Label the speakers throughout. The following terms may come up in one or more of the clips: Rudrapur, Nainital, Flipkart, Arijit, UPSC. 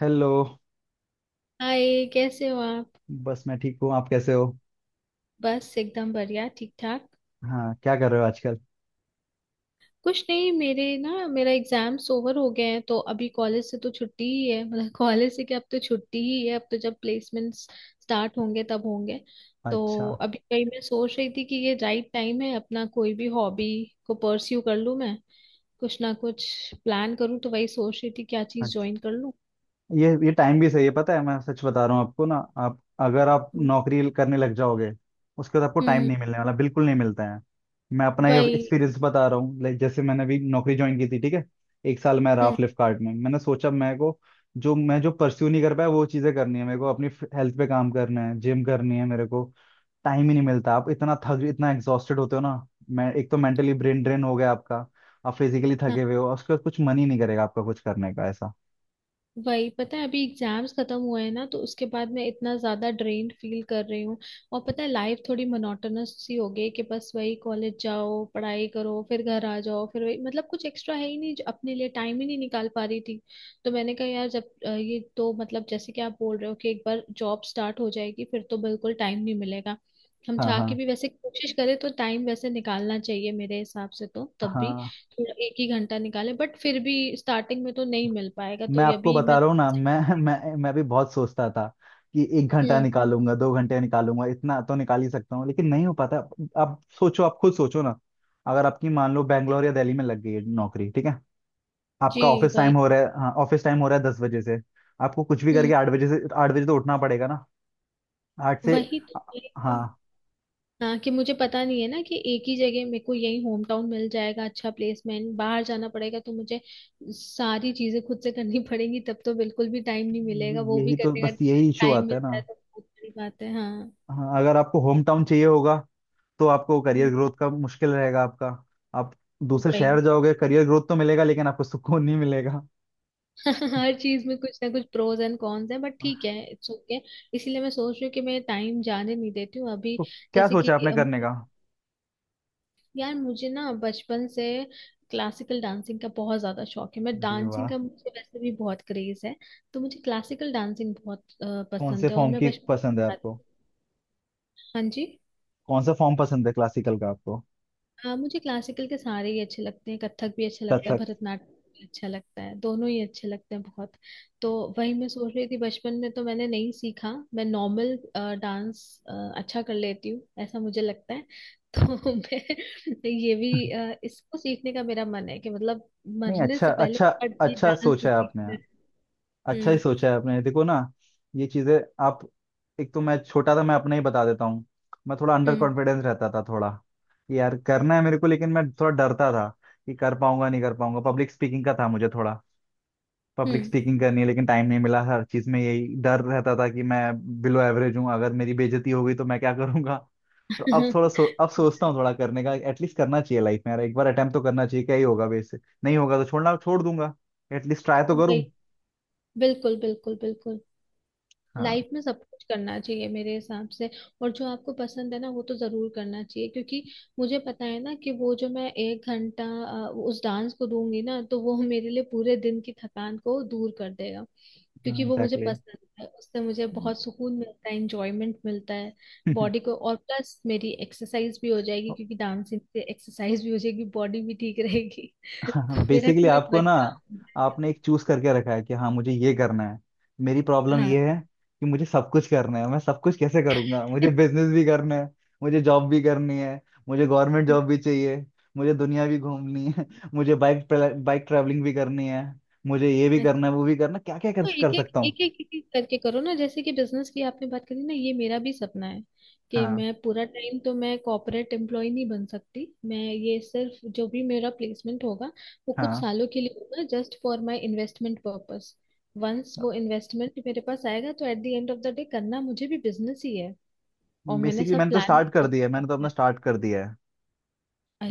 Speaker 1: Hello.
Speaker 2: Hi, कैसे हो आप।
Speaker 1: बस मैं ठीक हूँ। आप कैसे हो?
Speaker 2: बस एकदम बढ़िया, ठीक ठाक।
Speaker 1: हाँ, क्या कर रहे हो आजकल?
Speaker 2: कुछ नहीं, मेरे ना मेरा एग्जाम्स ओवर हो गए हैं, तो अभी कॉलेज से तो छुट्टी ही है, मतलब कॉलेज से क्या, अब तो छुट्टी ही है। अब तो जब प्लेसमेंट्स स्टार्ट होंगे तब होंगे। तो
Speaker 1: अच्छा।
Speaker 2: अभी वही मैं सोच रही थी कि ये राइट टाइम है, अपना कोई भी हॉबी को परस्यू कर लूँ मैं, कुछ ना कुछ प्लान करूँ। तो वही सोच रही थी क्या चीज़
Speaker 1: अच्छा।
Speaker 2: ज्वाइन कर लूँ।
Speaker 1: ये टाइम भी सही है, पता है। मैं सच बता रहा हूँ आपको ना। आप अगर आप नौकरी करने लग जाओगे, उसके बाद आपको टाइम
Speaker 2: हम्म।
Speaker 1: नहीं मिलने वाला, बिल्कुल नहीं मिलता है। मैं अपना ये
Speaker 2: वही।
Speaker 1: एक्सपीरियंस बता रहा हूँ। लाइक जैसे मैंने अभी नौकरी ज्वाइन की थी, ठीक है। एक साल मैं रहा
Speaker 2: हम्म।
Speaker 1: फ्लिपकार्ट में। मैंने सोचा मेरे को जो परस्यू नहीं कर पाया वो चीज़ें करनी है मेरे को। अपनी हेल्थ पे काम करना है, जिम करनी है मेरे को। टाइम ही नहीं मिलता। आप इतना एग्जॉस्टेड होते हो ना। मैं एक तो मेंटली ब्रेन ड्रेन हो गया आपका। आप फिजिकली थके हुए हो, और उसके बाद कुछ मन ही नहीं करेगा आपका, कुछ करने का ऐसा।
Speaker 2: वही, पता है अभी एग्जाम्स खत्म हुए हैं ना तो उसके बाद मैं इतना ज्यादा ड्रेन्ड फील कर रही हूँ। और पता है लाइफ थोड़ी मोनोटोनस सी हो गई कि बस वही कॉलेज जाओ, पढ़ाई करो, फिर घर आ जाओ, फिर वही, मतलब कुछ एक्स्ट्रा है ही नहीं जो अपने लिए टाइम ही नहीं निकाल पा रही थी। तो मैंने कहा यार, जब ये तो मतलब जैसे कि आप बोल रहे हो कि एक बार जॉब स्टार्ट हो जाएगी फिर तो बिल्कुल टाइम नहीं मिलेगा। हम
Speaker 1: हाँ,
Speaker 2: चाह के
Speaker 1: हाँ।
Speaker 2: भी वैसे कोशिश करें तो टाइम वैसे निकालना चाहिए मेरे हिसाब से, तो तब भी
Speaker 1: हाँ,
Speaker 2: एक ही घंटा निकाले, बट फिर भी स्टार्टिंग में तो नहीं मिल पाएगा। तो
Speaker 1: मैं
Speaker 2: ये
Speaker 1: आपको
Speaker 2: भी
Speaker 1: बता
Speaker 2: मैं।
Speaker 1: रहा हूँ ना। मैं मैं भी बहुत सोचता था कि एक घंटा
Speaker 2: हम्म।
Speaker 1: निकालूंगा, 2 घंटे निकालूंगा, इतना तो निकाल ही सकता हूँ, लेकिन नहीं हो पाता। आप सोचो, आप खुद सोचो ना। अगर आपकी मान लो बैंगलोर या दिल्ली में लग गई है नौकरी, ठीक है।
Speaker 2: जी
Speaker 1: आपका ऑफिस
Speaker 2: वही।
Speaker 1: टाइम हो रहा है, हाँ, ऑफिस टाइम हो रहा है 10 बजे से। आपको कुछ भी करके
Speaker 2: हम्म।
Speaker 1: 8 बजे तो उठना पड़ेगा ना। आठ से।
Speaker 2: वही तो, वही तो।
Speaker 1: हाँ।
Speaker 2: हाँ, कि मुझे पता नहीं है ना कि एक ही जगह मेरे को यही होम टाउन मिल जाएगा, अच्छा प्लेसमेंट, बाहर जाना पड़ेगा तो मुझे सारी चीजें खुद से करनी पड़ेंगी, तब तो बिल्कुल भी टाइम नहीं मिलेगा वो भी
Speaker 1: यही तो,
Speaker 2: करने का।
Speaker 1: बस यही इशू
Speaker 2: टाइम
Speaker 1: आता है ना।
Speaker 2: मिलता है तो बहुत बड़ी बात है। हाँ।
Speaker 1: हाँ, अगर आपको होम टाउन चाहिए होगा, तो आपको करियर
Speaker 2: हम्म।
Speaker 1: ग्रोथ का मुश्किल रहेगा आपका। आप दूसरे शहर
Speaker 2: वही।
Speaker 1: जाओगे, करियर ग्रोथ तो मिलेगा, लेकिन आपको सुकून नहीं मिलेगा।
Speaker 2: हर चीज में कुछ ना कुछ प्रोज एंड कॉन्स है, बट ठीक है, इट्स ओके। इसीलिए मैं सोच रही हूँ कि मैं टाइम जाने नहीं देती हूँ अभी।
Speaker 1: तो क्या
Speaker 2: जैसे कि
Speaker 1: सोचा आपने करने का?
Speaker 2: यार मुझे ना बचपन से क्लासिकल डांसिंग का बहुत ज्यादा शौक है। मैं
Speaker 1: अरे
Speaker 2: डांसिंग
Speaker 1: वाह!
Speaker 2: का, मुझे वैसे भी बहुत क्रेज है। तो मुझे क्लासिकल डांसिंग बहुत
Speaker 1: कौन से
Speaker 2: पसंद है, और
Speaker 1: फॉर्म
Speaker 2: मैं
Speaker 1: की पसंद है
Speaker 2: बचपन।
Speaker 1: आपको?
Speaker 2: हाँ जी।
Speaker 1: कौन सा फॉर्म पसंद है क्लासिकल का आपको?
Speaker 2: हाँ, मुझे क्लासिकल के सारे ही अच्छे लगते हैं। कथक भी अच्छा लगता है,
Speaker 1: कथक।
Speaker 2: भरतनाट्यम भी अच्छा लगता है। दोनों ही अच्छे लगते हैं बहुत। तो वही मैं सोच रही थी, बचपन में तो मैंने नहीं सीखा। मैं नॉर्मल डांस अच्छा कर लेती हूँ, ऐसा मुझे लगता है। तो मैं ये भी इसको सीखने का मेरा मन है कि, मतलब
Speaker 1: नहीं,
Speaker 2: मरने
Speaker 1: अच्छा,
Speaker 2: से पहले
Speaker 1: अच्छा।
Speaker 2: पर ये
Speaker 1: अच्छा
Speaker 2: डांस तो
Speaker 1: सोचा है आपने।
Speaker 2: सीखना है।
Speaker 1: अच्छा ही
Speaker 2: हम्म।
Speaker 1: सोचा है आपने, देखो ना। ये चीजें, आप, एक तो मैं छोटा था, मैं अपना ही बता देता हूँ। मैं थोड़ा अंडर
Speaker 2: हम्म।
Speaker 1: कॉन्फिडेंस रहता था, थोड़ा कि यार करना है मेरे को लेकिन मैं थोड़ा डरता था कि कर पाऊंगा नहीं कर पाऊंगा। पब्लिक स्पीकिंग का था मुझे थोड़ा, पब्लिक
Speaker 2: हम्म।
Speaker 1: स्पीकिंग करनी है, लेकिन टाइम नहीं मिला। हर चीज में यही डर रहता था कि मैं बिलो एवरेज हूँ, अगर मेरी बेइज्जती हो गई तो मैं क्या करूंगा। तो अब थोड़ा अब सोचता हूँ थोड़ा करने का। एटलीस्ट करना चाहिए लाइफ में यार, एक बार अटेम्प्ट तो करना चाहिए, क्या ही होगा वैसे। नहीं होगा तो छोड़ना छोड़ दूंगा। एटलीस्ट ट्राई तो
Speaker 2: वही।
Speaker 1: करूँ।
Speaker 2: बिल्कुल बिल्कुल बिल्कुल।
Speaker 1: हाँ,
Speaker 2: लाइफ में सब कुछ करना चाहिए मेरे हिसाब से, और जो आपको पसंद है ना वो तो जरूर करना चाहिए, क्योंकि मुझे पता है ना कि वो जो मैं एक घंटा उस डांस को दूंगी ना तो वो मेरे लिए पूरे दिन की थकान को दूर कर देगा,
Speaker 1: हाँ,
Speaker 2: क्योंकि वो मुझे
Speaker 1: एग्जैक्टली।
Speaker 2: पसंद है, उससे मुझे बहुत सुकून मिलता है, इंजॉयमेंट मिलता है बॉडी को। और प्लस मेरी एक्सरसाइज भी हो जाएगी, क्योंकि डांसिंग से एक्सरसाइज भी हो जाएगी, बॉडी भी ठीक रहेगी। तो मेरा
Speaker 1: बेसिकली
Speaker 2: टू इन वन
Speaker 1: आपको ना,
Speaker 2: काम है।
Speaker 1: आपने एक चूज करके रखा है कि हाँ, मुझे ये करना है। मेरी प्रॉब्लम
Speaker 2: हाँ।
Speaker 1: ये है कि मुझे सब कुछ करना है, मैं सब कुछ कैसे करूंगा? मुझे बिजनेस भी करना है, मुझे जॉब भी करनी है, मुझे गवर्नमेंट जॉब भी चाहिए, मुझे दुनिया भी घूमनी है। मुझे बाइक बाइक ट्रैवलिंग भी करनी है, मुझे ये भी
Speaker 2: अच्छा,
Speaker 1: करना है वो भी करना है। क्या क्या कर,
Speaker 2: तो एक
Speaker 1: कर
Speaker 2: एक
Speaker 1: सकता हूँ।
Speaker 2: एक एक एक एक करके करो ना। जैसे कि बिजनेस की आपने बात करी ना, ये मेरा भी सपना है कि
Speaker 1: हाँ,
Speaker 2: मैं पूरा टाइम तो मैं कॉर्पोरेट एम्प्लॉय नहीं बन सकती। मैं ये सिर्फ जो भी मेरा प्लेसमेंट होगा वो कुछ
Speaker 1: हाँ।
Speaker 2: सालों के लिए होगा, just for my investment purpose. Once वो इन्वेस्टमेंट मेरे पास आएगा तो at the end of the day करना मुझे भी बिजनेस ही है, और मैंने
Speaker 1: बेसिकली
Speaker 2: सब
Speaker 1: मैंने तो
Speaker 2: प्लान
Speaker 1: स्टार्ट कर
Speaker 2: सोच
Speaker 1: दिया है,
Speaker 2: के
Speaker 1: मैंने तो
Speaker 2: रखा
Speaker 1: अपना
Speaker 2: है।
Speaker 1: स्टार्ट कर दिया है,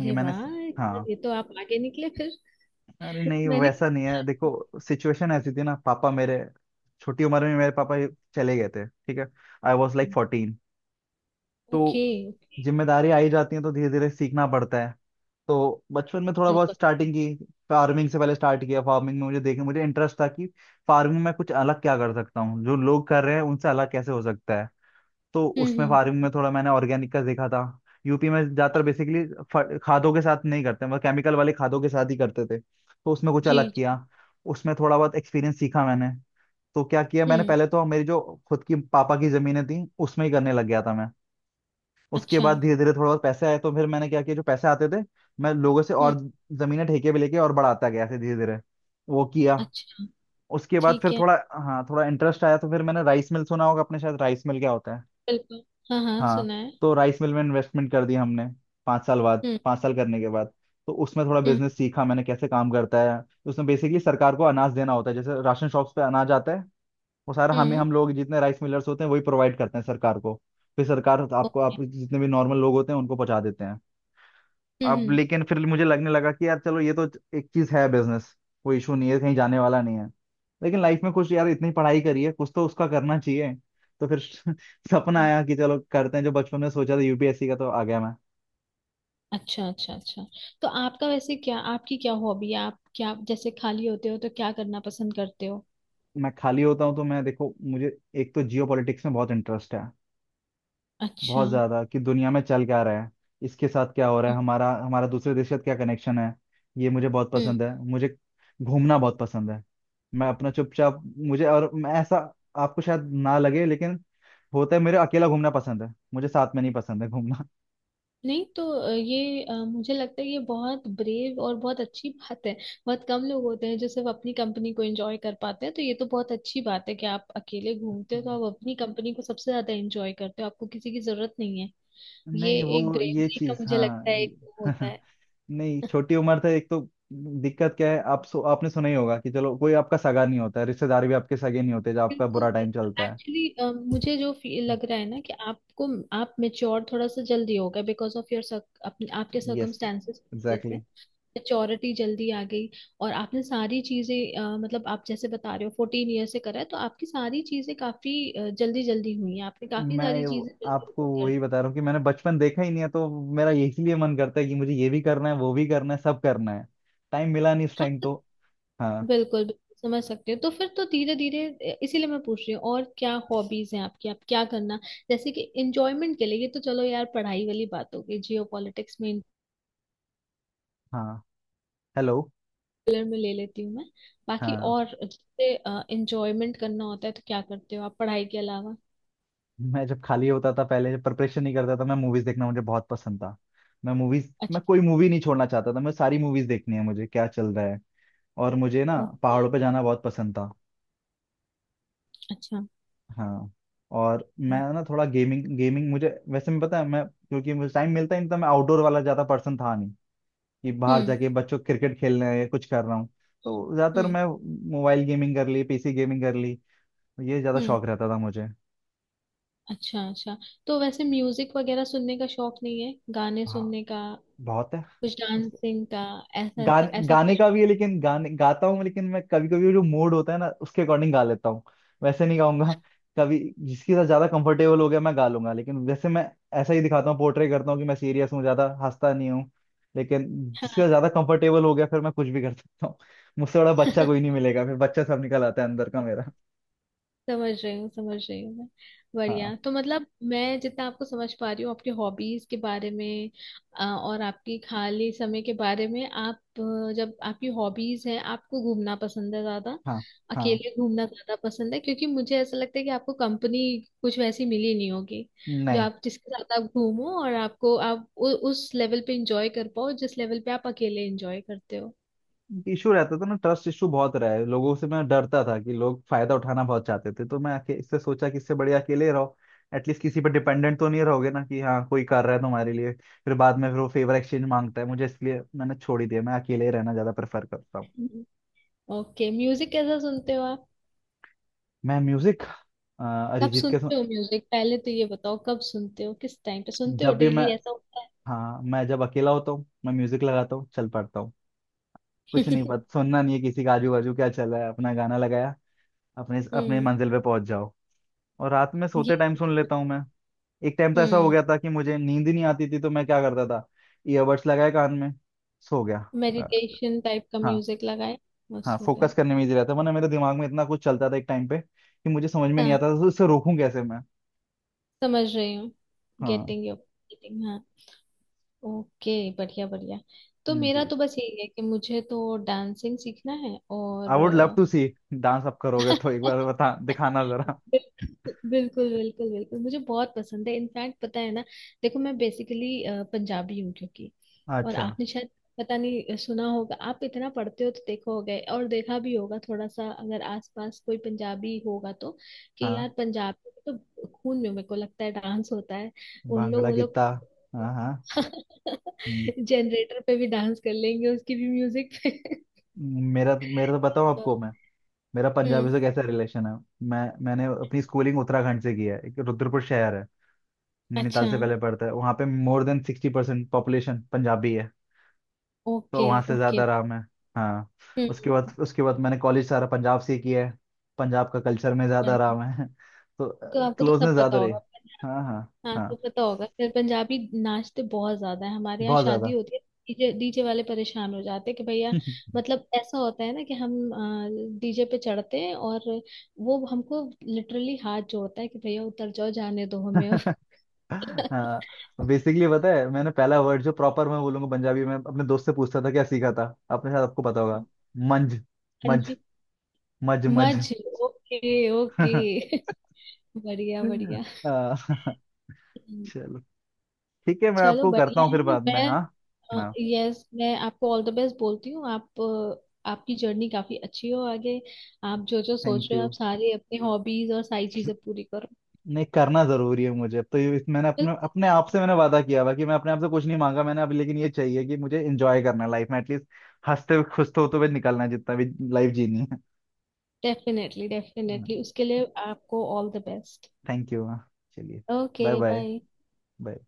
Speaker 1: ये मैंने।
Speaker 2: वाह।
Speaker 1: हाँ,
Speaker 2: ये तो आप आगे निकले फिर।
Speaker 1: अरे नहीं
Speaker 2: मैंने
Speaker 1: वैसा
Speaker 2: कुछ।
Speaker 1: नहीं है। देखो, सिचुएशन ऐसी थी ना, पापा मेरे, छोटी उम्र में मेरे पापा चले गए थे, ठीक है। I was like 14।
Speaker 2: ओके।
Speaker 1: तो जिम्मेदारी आई जाती है तो धीरे धीरे सीखना पड़ता है। तो बचपन में थोड़ा बहुत
Speaker 2: बिल्कुल।
Speaker 1: स्टार्टिंग की। फार्मिंग से पहले स्टार्ट किया। फार्मिंग में मुझे इंटरेस्ट था कि फार्मिंग में कुछ अलग क्या कर सकता हूँ, जो लोग कर रहे हैं उनसे अलग कैसे हो सकता है। तो
Speaker 2: हम्म।
Speaker 1: उसमें फार्मिंग
Speaker 2: हम्म।
Speaker 1: में थोड़ा मैंने ऑर्गेनिक का देखा था। यूपी में ज्यादातर बेसिकली खादों के साथ नहीं करते, मतलब केमिकल वाले खादों के साथ ही करते थे। तो उसमें कुछ
Speaker 2: जी
Speaker 1: अलग
Speaker 2: जी।
Speaker 1: किया, उसमें थोड़ा बहुत एक्सपीरियंस सीखा मैंने। तो क्या किया मैंने?
Speaker 2: हम्म।
Speaker 1: पहले तो मेरी जो खुद की पापा की जमीनें थी उसमें ही करने लग गया था मैं। उसके
Speaker 2: अच्छा।
Speaker 1: बाद धीरे धीरे थोड़ा बहुत पैसे आए, तो फिर मैंने क्या किया, जो पैसे आते थे, मैं लोगों से
Speaker 2: हम्म।
Speaker 1: और जमीनें ठेके पे लेके और बढ़ाता गया, ऐसे धीरे धीरे वो किया।
Speaker 2: अच्छा।
Speaker 1: उसके बाद
Speaker 2: ठीक
Speaker 1: फिर
Speaker 2: है।
Speaker 1: थोड़ा, हाँ, थोड़ा इंटरेस्ट आया, तो फिर मैंने राइस मिल, सुना होगा अपने शायद राइस मिल क्या होता है।
Speaker 2: बिल्कुल। हाँ हाँ,
Speaker 1: हाँ,
Speaker 2: सुना है।
Speaker 1: तो राइस मिल में इन्वेस्टमेंट कर दिया हमने, 5 साल बाद,
Speaker 2: हम्म।
Speaker 1: 5 साल करने के बाद। तो उसमें थोड़ा
Speaker 2: हम्म।
Speaker 1: बिजनेस सीखा मैंने कैसे काम करता है। उसमें बेसिकली सरकार को अनाज देना होता है, जैसे राशन शॉप्स पे अनाज आता है, वो सारा हम
Speaker 2: हम्म।
Speaker 1: हम लोग जितने राइस मिलर्स होते हैं वही प्रोवाइड करते हैं सरकार को। फिर सरकार आपको
Speaker 2: ओके।
Speaker 1: आप जितने भी नॉर्मल लोग होते हैं उनको पहुंचा देते हैं।
Speaker 2: हम्म।
Speaker 1: अब
Speaker 2: हम्म।
Speaker 1: लेकिन फिर मुझे लगने लगा कि यार चलो, ये तो एक चीज है बिजनेस, कोई इशू नहीं है, कहीं जाने वाला नहीं है। लेकिन लाइफ में कुछ यार, इतनी पढ़ाई करी है, कुछ तो उसका करना चाहिए। तो फिर सपना
Speaker 2: हम्म।
Speaker 1: आया कि चलो करते हैं जो बचपन में सोचा था, यूपीएससी का, तो आ गया मैं।
Speaker 2: अच्छा अच्छा अच्छा, तो आपका वैसे क्या, आपकी क्या हॉबी है, आप क्या जैसे खाली होते हो तो क्या करना पसंद करते हो।
Speaker 1: मैं खाली होता हूँ तो मैं, देखो, मुझे एक तो जियो पॉलिटिक्स में बहुत इंटरेस्ट है,
Speaker 2: अच्छा।
Speaker 1: बहुत
Speaker 2: हम्म।
Speaker 1: ज्यादा, कि दुनिया में चल क्या रहा है, इसके साथ क्या हो रहा है, हमारा हमारा दूसरे देश के साथ क्या कनेक्शन है। ये मुझे बहुत
Speaker 2: हम्म।
Speaker 1: पसंद है। मुझे घूमना बहुत पसंद है। मैं अपना चुपचाप, मुझे, और मैं ऐसा, आपको शायद ना लगे लेकिन होता है, मेरे, अकेला घूमना पसंद है मुझे, साथ में नहीं पसंद है घूमना।
Speaker 2: नहीं तो ये मुझे लगता है ये बहुत ब्रेव और बहुत अच्छी बात है। बहुत कम लोग होते हैं जो सिर्फ अपनी कंपनी को एंजॉय कर पाते हैं। तो ये तो बहुत अच्छी बात है कि आप अकेले घूमते हो, तो
Speaker 1: हम्म।
Speaker 2: आप अपनी कंपनी को सबसे ज्यादा एंजॉय करते हो, आपको किसी की जरूरत नहीं है। ये
Speaker 1: नहीं
Speaker 2: एक
Speaker 1: वो ये
Speaker 2: ब्रेवरी का
Speaker 1: चीज,
Speaker 2: मुझे
Speaker 1: हाँ
Speaker 2: लगता है एक वो
Speaker 1: ये-
Speaker 2: होता है।
Speaker 1: नहीं छोटी उम्र था, एक तो दिक्कत क्या है। आप आपने सुना ही होगा कि चलो, कोई आपका सगा नहीं होता है, रिश्तेदार भी आपके सगे नहीं होते जब आपका
Speaker 2: बिल्कुल।
Speaker 1: बुरा टाइम चलता है।
Speaker 2: एक्चुअली मुझे जो फील लग रहा है ना कि आपको, आप मेच्योर थोड़ा सा जल्दी हो गए बिकॉज ऑफ योर, अपने आपके
Speaker 1: यस,
Speaker 2: सर्कमस्टेंसेस की वजह से।
Speaker 1: एग्जैक्टली।
Speaker 2: मेच्योरिटी जल्दी आ गई, और आपने सारी चीजें मतलब आप जैसे बता रहे हो 14 ईयर से करा है तो आपकी सारी चीजें काफी जल्दी जल्दी हुई हैं। आपने काफी सारी
Speaker 1: मैं वो-
Speaker 2: चीजें जल्दी
Speaker 1: आपको
Speaker 2: कर
Speaker 1: वही बता रहा हूँ कि मैंने बचपन देखा ही नहीं है, तो मेरा इसीलिए मन करता है कि मुझे ये भी करना है वो भी करना है सब करना है, टाइम मिला नहीं इस
Speaker 2: हाँ,
Speaker 1: टाइम
Speaker 2: तो
Speaker 1: तो। हाँ,
Speaker 2: बिल्कुल बिल्कुल समझ सकते हो, तो फिर तो धीरे धीरे इसीलिए मैं पूछ रही हूँ और क्या हॉबीज हैं आपकी, आप क्या करना, जैसे कि एंजॉयमेंट के लिए। ये तो चलो यार पढ़ाई वाली बात हो गई, जियो पॉलिटिक्स में
Speaker 1: हाँ। हेलो।
Speaker 2: इंटर में ले लेती हूँ मैं। बाकी
Speaker 1: हाँ,
Speaker 2: और जैसे एंजॉयमेंट करना होता है तो क्या करते हो आप पढ़ाई के अलावा।
Speaker 1: मैं जब खाली होता था पहले, जब प्रिपरेशन नहीं करता था, मैं मूवीज देखना मुझे बहुत पसंद था। मैं
Speaker 2: अच्छा।
Speaker 1: कोई मूवी नहीं छोड़ना चाहता था, मैं सारी मूवीज देखनी है, मुझे क्या चल रहा है। और मुझे ना
Speaker 2: ओके।
Speaker 1: पहाड़ों पे जाना बहुत पसंद था।
Speaker 2: अच्छा।
Speaker 1: हाँ। और मैं
Speaker 2: ओ,
Speaker 1: ना थोड़ा गेमिंग, गेमिंग मुझे वैसे, मैं पता है मैं, क्योंकि मुझे टाइम मिलता ही नहीं था, मैं आउटडोर वाला ज्यादा पर्सन था नहीं कि बाहर
Speaker 2: हम्म।
Speaker 1: जाके बच्चों क्रिकेट खेलना है या कुछ कर रहा हूँ। तो ज्यादातर
Speaker 2: हम्म।
Speaker 1: मैं मोबाइल गेमिंग कर ली, पीसी गेमिंग कर ली, ये ज्यादा
Speaker 2: हम्म।
Speaker 1: शौक रहता था मुझे।
Speaker 2: अच्छा अच्छा, तो वैसे म्यूजिक वगैरह सुनने का शौक नहीं है, गाने
Speaker 1: हाँ,
Speaker 2: सुनने का,
Speaker 1: बहुत है।
Speaker 2: कुछ
Speaker 1: उसके-
Speaker 2: डांसिंग का, ऐसा ऐसा
Speaker 1: गाने,
Speaker 2: ऐसा
Speaker 1: गाने
Speaker 2: कुछ।
Speaker 1: का भी है, लेकिन गाने गाता हूँ लेकिन मैं कभी कभी जो मूड होता है ना उसके अकॉर्डिंग गा लेता हूँ। वैसे नहीं गाऊंगा कभी। जिसके साथ ज्यादा कंफर्टेबल हो गया मैं गा लूंगा, लेकिन वैसे मैं ऐसा ही दिखाता हूँ, पोर्ट्रे करता हूँ कि मैं सीरियस हूँ, ज्यादा हंसता नहीं हूँ। लेकिन जिसके
Speaker 2: हाँ।
Speaker 1: साथ ज्यादा कंफर्टेबल हो गया फिर मैं कुछ भी कर सकता हूँ। मुझसे बड़ा बच्चा कोई नहीं मिलेगा, फिर बच्चा सब निकल आता है अंदर का मेरा।
Speaker 2: समझ रही हूँ, समझ रही हूँ मैं।
Speaker 1: हाँ,
Speaker 2: बढ़िया, तो मतलब मैं जितना आपको समझ पा रही हूँ आपके हॉबीज के बारे में और आपकी खाली समय के बारे में, आप जब आपकी हॉबीज है, आपको घूमना पसंद है ज्यादा,
Speaker 1: हाँ, हाँ।
Speaker 2: अकेले घूमना ज्यादा पसंद है, क्योंकि मुझे ऐसा लगता है कि आपको कंपनी कुछ वैसी मिली नहीं होगी जो
Speaker 1: नहीं,
Speaker 2: आप, जिसके साथ आप घूमो और आपको आप उस लेवल पे इंजॉय कर पाओ जिस लेवल पे आप अकेले इंजॉय करते हो।
Speaker 1: इशू रहता था ना, ट्रस्ट इशू बहुत रहा है, लोगों से मैं डरता था कि लोग फायदा उठाना बहुत चाहते थे। तो मैं आके इससे सोचा कि इससे बढ़िया अकेले रहो, एटलीस्ट किसी पर डिपेंडेंट तो नहीं रहोगे ना, कि हाँ कोई कर रहा है तुम्हारे लिए फिर बाद में फिर वो फेवर एक्सचेंज मांगता है मुझे। इसलिए मैंने छोड़ ही दिया, मैं अकेले ही रहना ज्यादा प्रेफर करता हूँ।
Speaker 2: ओके, म्यूजिक कैसा सुनते हो आप,
Speaker 1: मैं म्यूजिक,
Speaker 2: कब
Speaker 1: अरिजीत के सुन-
Speaker 2: सुनते हो म्यूजिक, पहले तो ये बताओ कब सुनते हो, किस टाइम पे सुनते हो,
Speaker 1: जब भी मैं,
Speaker 2: डेली ऐसा होता है।
Speaker 1: हाँ, मैं जब अकेला होता हूँ मैं म्यूजिक लगाता हूँ चल पड़ता हूँ। कुछ नहीं पता, सुनना नहीं है किसी का आजू बाजू क्या चल रहा है, अपना गाना लगाया, अपने अपने
Speaker 2: हम्म।
Speaker 1: मंजिल पे पहुंच जाओ। और रात में
Speaker 2: ये
Speaker 1: सोते टाइम सुन लेता हूँ मैं। एक टाइम तो ऐसा हो
Speaker 2: हम्म।
Speaker 1: गया था कि मुझे नींद ही नहीं आती थी, तो मैं क्या करता था, ईयरबड्स लगाए कान में, सो गया। ला-
Speaker 2: मेडिटेशन टाइप का
Speaker 1: हाँ।
Speaker 2: म्यूजिक लगाए
Speaker 1: हाँ,
Speaker 2: बस हो गया।
Speaker 1: फोकस करने में इजी रहता है, वरना मेरे दिमाग में इतना कुछ चलता था एक टाइम पे कि मुझे समझ में नहीं
Speaker 2: हाँ,
Speaker 1: आता था तो उससे रोकूं कैसे मैं।
Speaker 2: समझ रही हूँ।
Speaker 1: हाँ।
Speaker 2: गेटिंग योर गेटिंग, हाँ। ओके। बढ़िया बढ़िया। तो मेरा
Speaker 1: जी।
Speaker 2: तो बस यही है कि मुझे तो डांसिंग सीखना है
Speaker 1: आई
Speaker 2: और
Speaker 1: would love to see. Dance आप करोगे तो एक बार बता, दिखाना जरा।
Speaker 2: बिल्कुल बिल्कुल बिल्कुल, मुझे बहुत पसंद है। इनफैक्ट पता है ना, देखो मैं बेसिकली पंजाबी हूँ, क्योंकि और
Speaker 1: अच्छा,
Speaker 2: आपने शायद पता नहीं सुना होगा, आप इतना पढ़ते हो तो देखो हो गए, और देखा भी होगा थोड़ा सा अगर आसपास कोई पंजाबी होगा तो, कि यार
Speaker 1: हाँ।
Speaker 2: पंजाब में तो खून में, मेरे को लगता है, डांस होता है। उन लोग
Speaker 1: भांगड़ा
Speaker 2: वो लोग
Speaker 1: गिद्दा। हाँ, हाँ। हम्म।
Speaker 2: जनरेटर पे भी डांस कर लेंगे, उसकी भी म्यूजिक पे।
Speaker 1: मेरा मेरा तो बताऊं
Speaker 2: तो,
Speaker 1: आपको, मैं, मेरा पंजाबी
Speaker 2: हम्म।
Speaker 1: से कैसा रिलेशन है। मैंने अपनी स्कूलिंग उत्तराखंड से की है। एक रुद्रपुर शहर है,
Speaker 2: अच्छा।
Speaker 1: नैनीताल से पहले पड़ता है, वहाँ पे मोर देन 60% पॉपुलेशन पंजाबी है। तो
Speaker 2: ओके
Speaker 1: वहाँ से ज़्यादा
Speaker 2: ओके।
Speaker 1: आराम है। हाँ, उसके
Speaker 2: हम्म।
Speaker 1: बाद उसके बाद मैंने कॉलेज सारा पंजाब से ही किया है, पंजाब का कल्चर में ज़्यादा आराम है। तो
Speaker 2: तो आपको तो
Speaker 1: क्लोजनेस
Speaker 2: सब पता
Speaker 1: ज़्यादा रही।
Speaker 2: होगा।
Speaker 1: हाँ, हाँ।
Speaker 2: हाँ,
Speaker 1: हाँ,
Speaker 2: तो पता होगा फिर पंजाबी नाचते बहुत ज्यादा है। हमारे यहाँ
Speaker 1: बहुत
Speaker 2: शादी
Speaker 1: ज़्यादा।
Speaker 2: होती है, डीजे डीजे वाले परेशान हो जाते हैं कि भैया, मतलब ऐसा होता है ना कि हम डीजे पे चढ़ते हैं और वो हमको लिटरली हाथ जोड़ता है कि भैया उतर जाओ, जाने दो हमें अब।
Speaker 1: हाँ, बेसिकली पता है मैंने पहला वर्ड जो प्रॉपर मैं बोलूंगा पंजाबी में, अपने दोस्त से पूछता था, क्या सीखा था अपने साथ आपको पता होगा। मंज।
Speaker 2: हाँ
Speaker 1: मंज।
Speaker 2: जी।
Speaker 1: मज, मज।
Speaker 2: मज। Okay okay. बढ़िया बढ़िया।
Speaker 1: आ, चलो, ठीक है, मैं
Speaker 2: चलो
Speaker 1: आपको करता
Speaker 2: बढ़िया
Speaker 1: हूँ
Speaker 2: है।
Speaker 1: फिर बाद में, हाँ,
Speaker 2: मैं,
Speaker 1: हाँ।
Speaker 2: यस, मैं आपको ऑल द बेस्ट बोलती हूँ। आप आपकी जर्नी काफी अच्छी हो आगे, आप जो जो सोच
Speaker 1: थैंक
Speaker 2: रहे हो, आप
Speaker 1: यू,
Speaker 2: सारी अपनी हॉबीज और सारी चीजें पूरी करो।
Speaker 1: नहीं करना जरूरी है मुझे। अब तो ये इस- मैंने अपने
Speaker 2: बिल्कुल।
Speaker 1: अपने आप से मैंने वादा किया हुआ कि मैं अपने आप से कुछ नहीं मांगा मैंने अभी, लेकिन ये चाहिए कि मुझे एंजॉय करना है लाइफ में एटलीस्ट, हंसते हुए खुश तो होते हुए निकलना है जितना भी लाइफ जीनी है।
Speaker 2: डेफिनेटली डेफिनेटली, उसके लिए आपको all the best.
Speaker 1: Thank you. हाँ, thank you, हाँ। चलिए।
Speaker 2: Okay,
Speaker 1: bye, bye.
Speaker 2: Bye.
Speaker 1: Bye.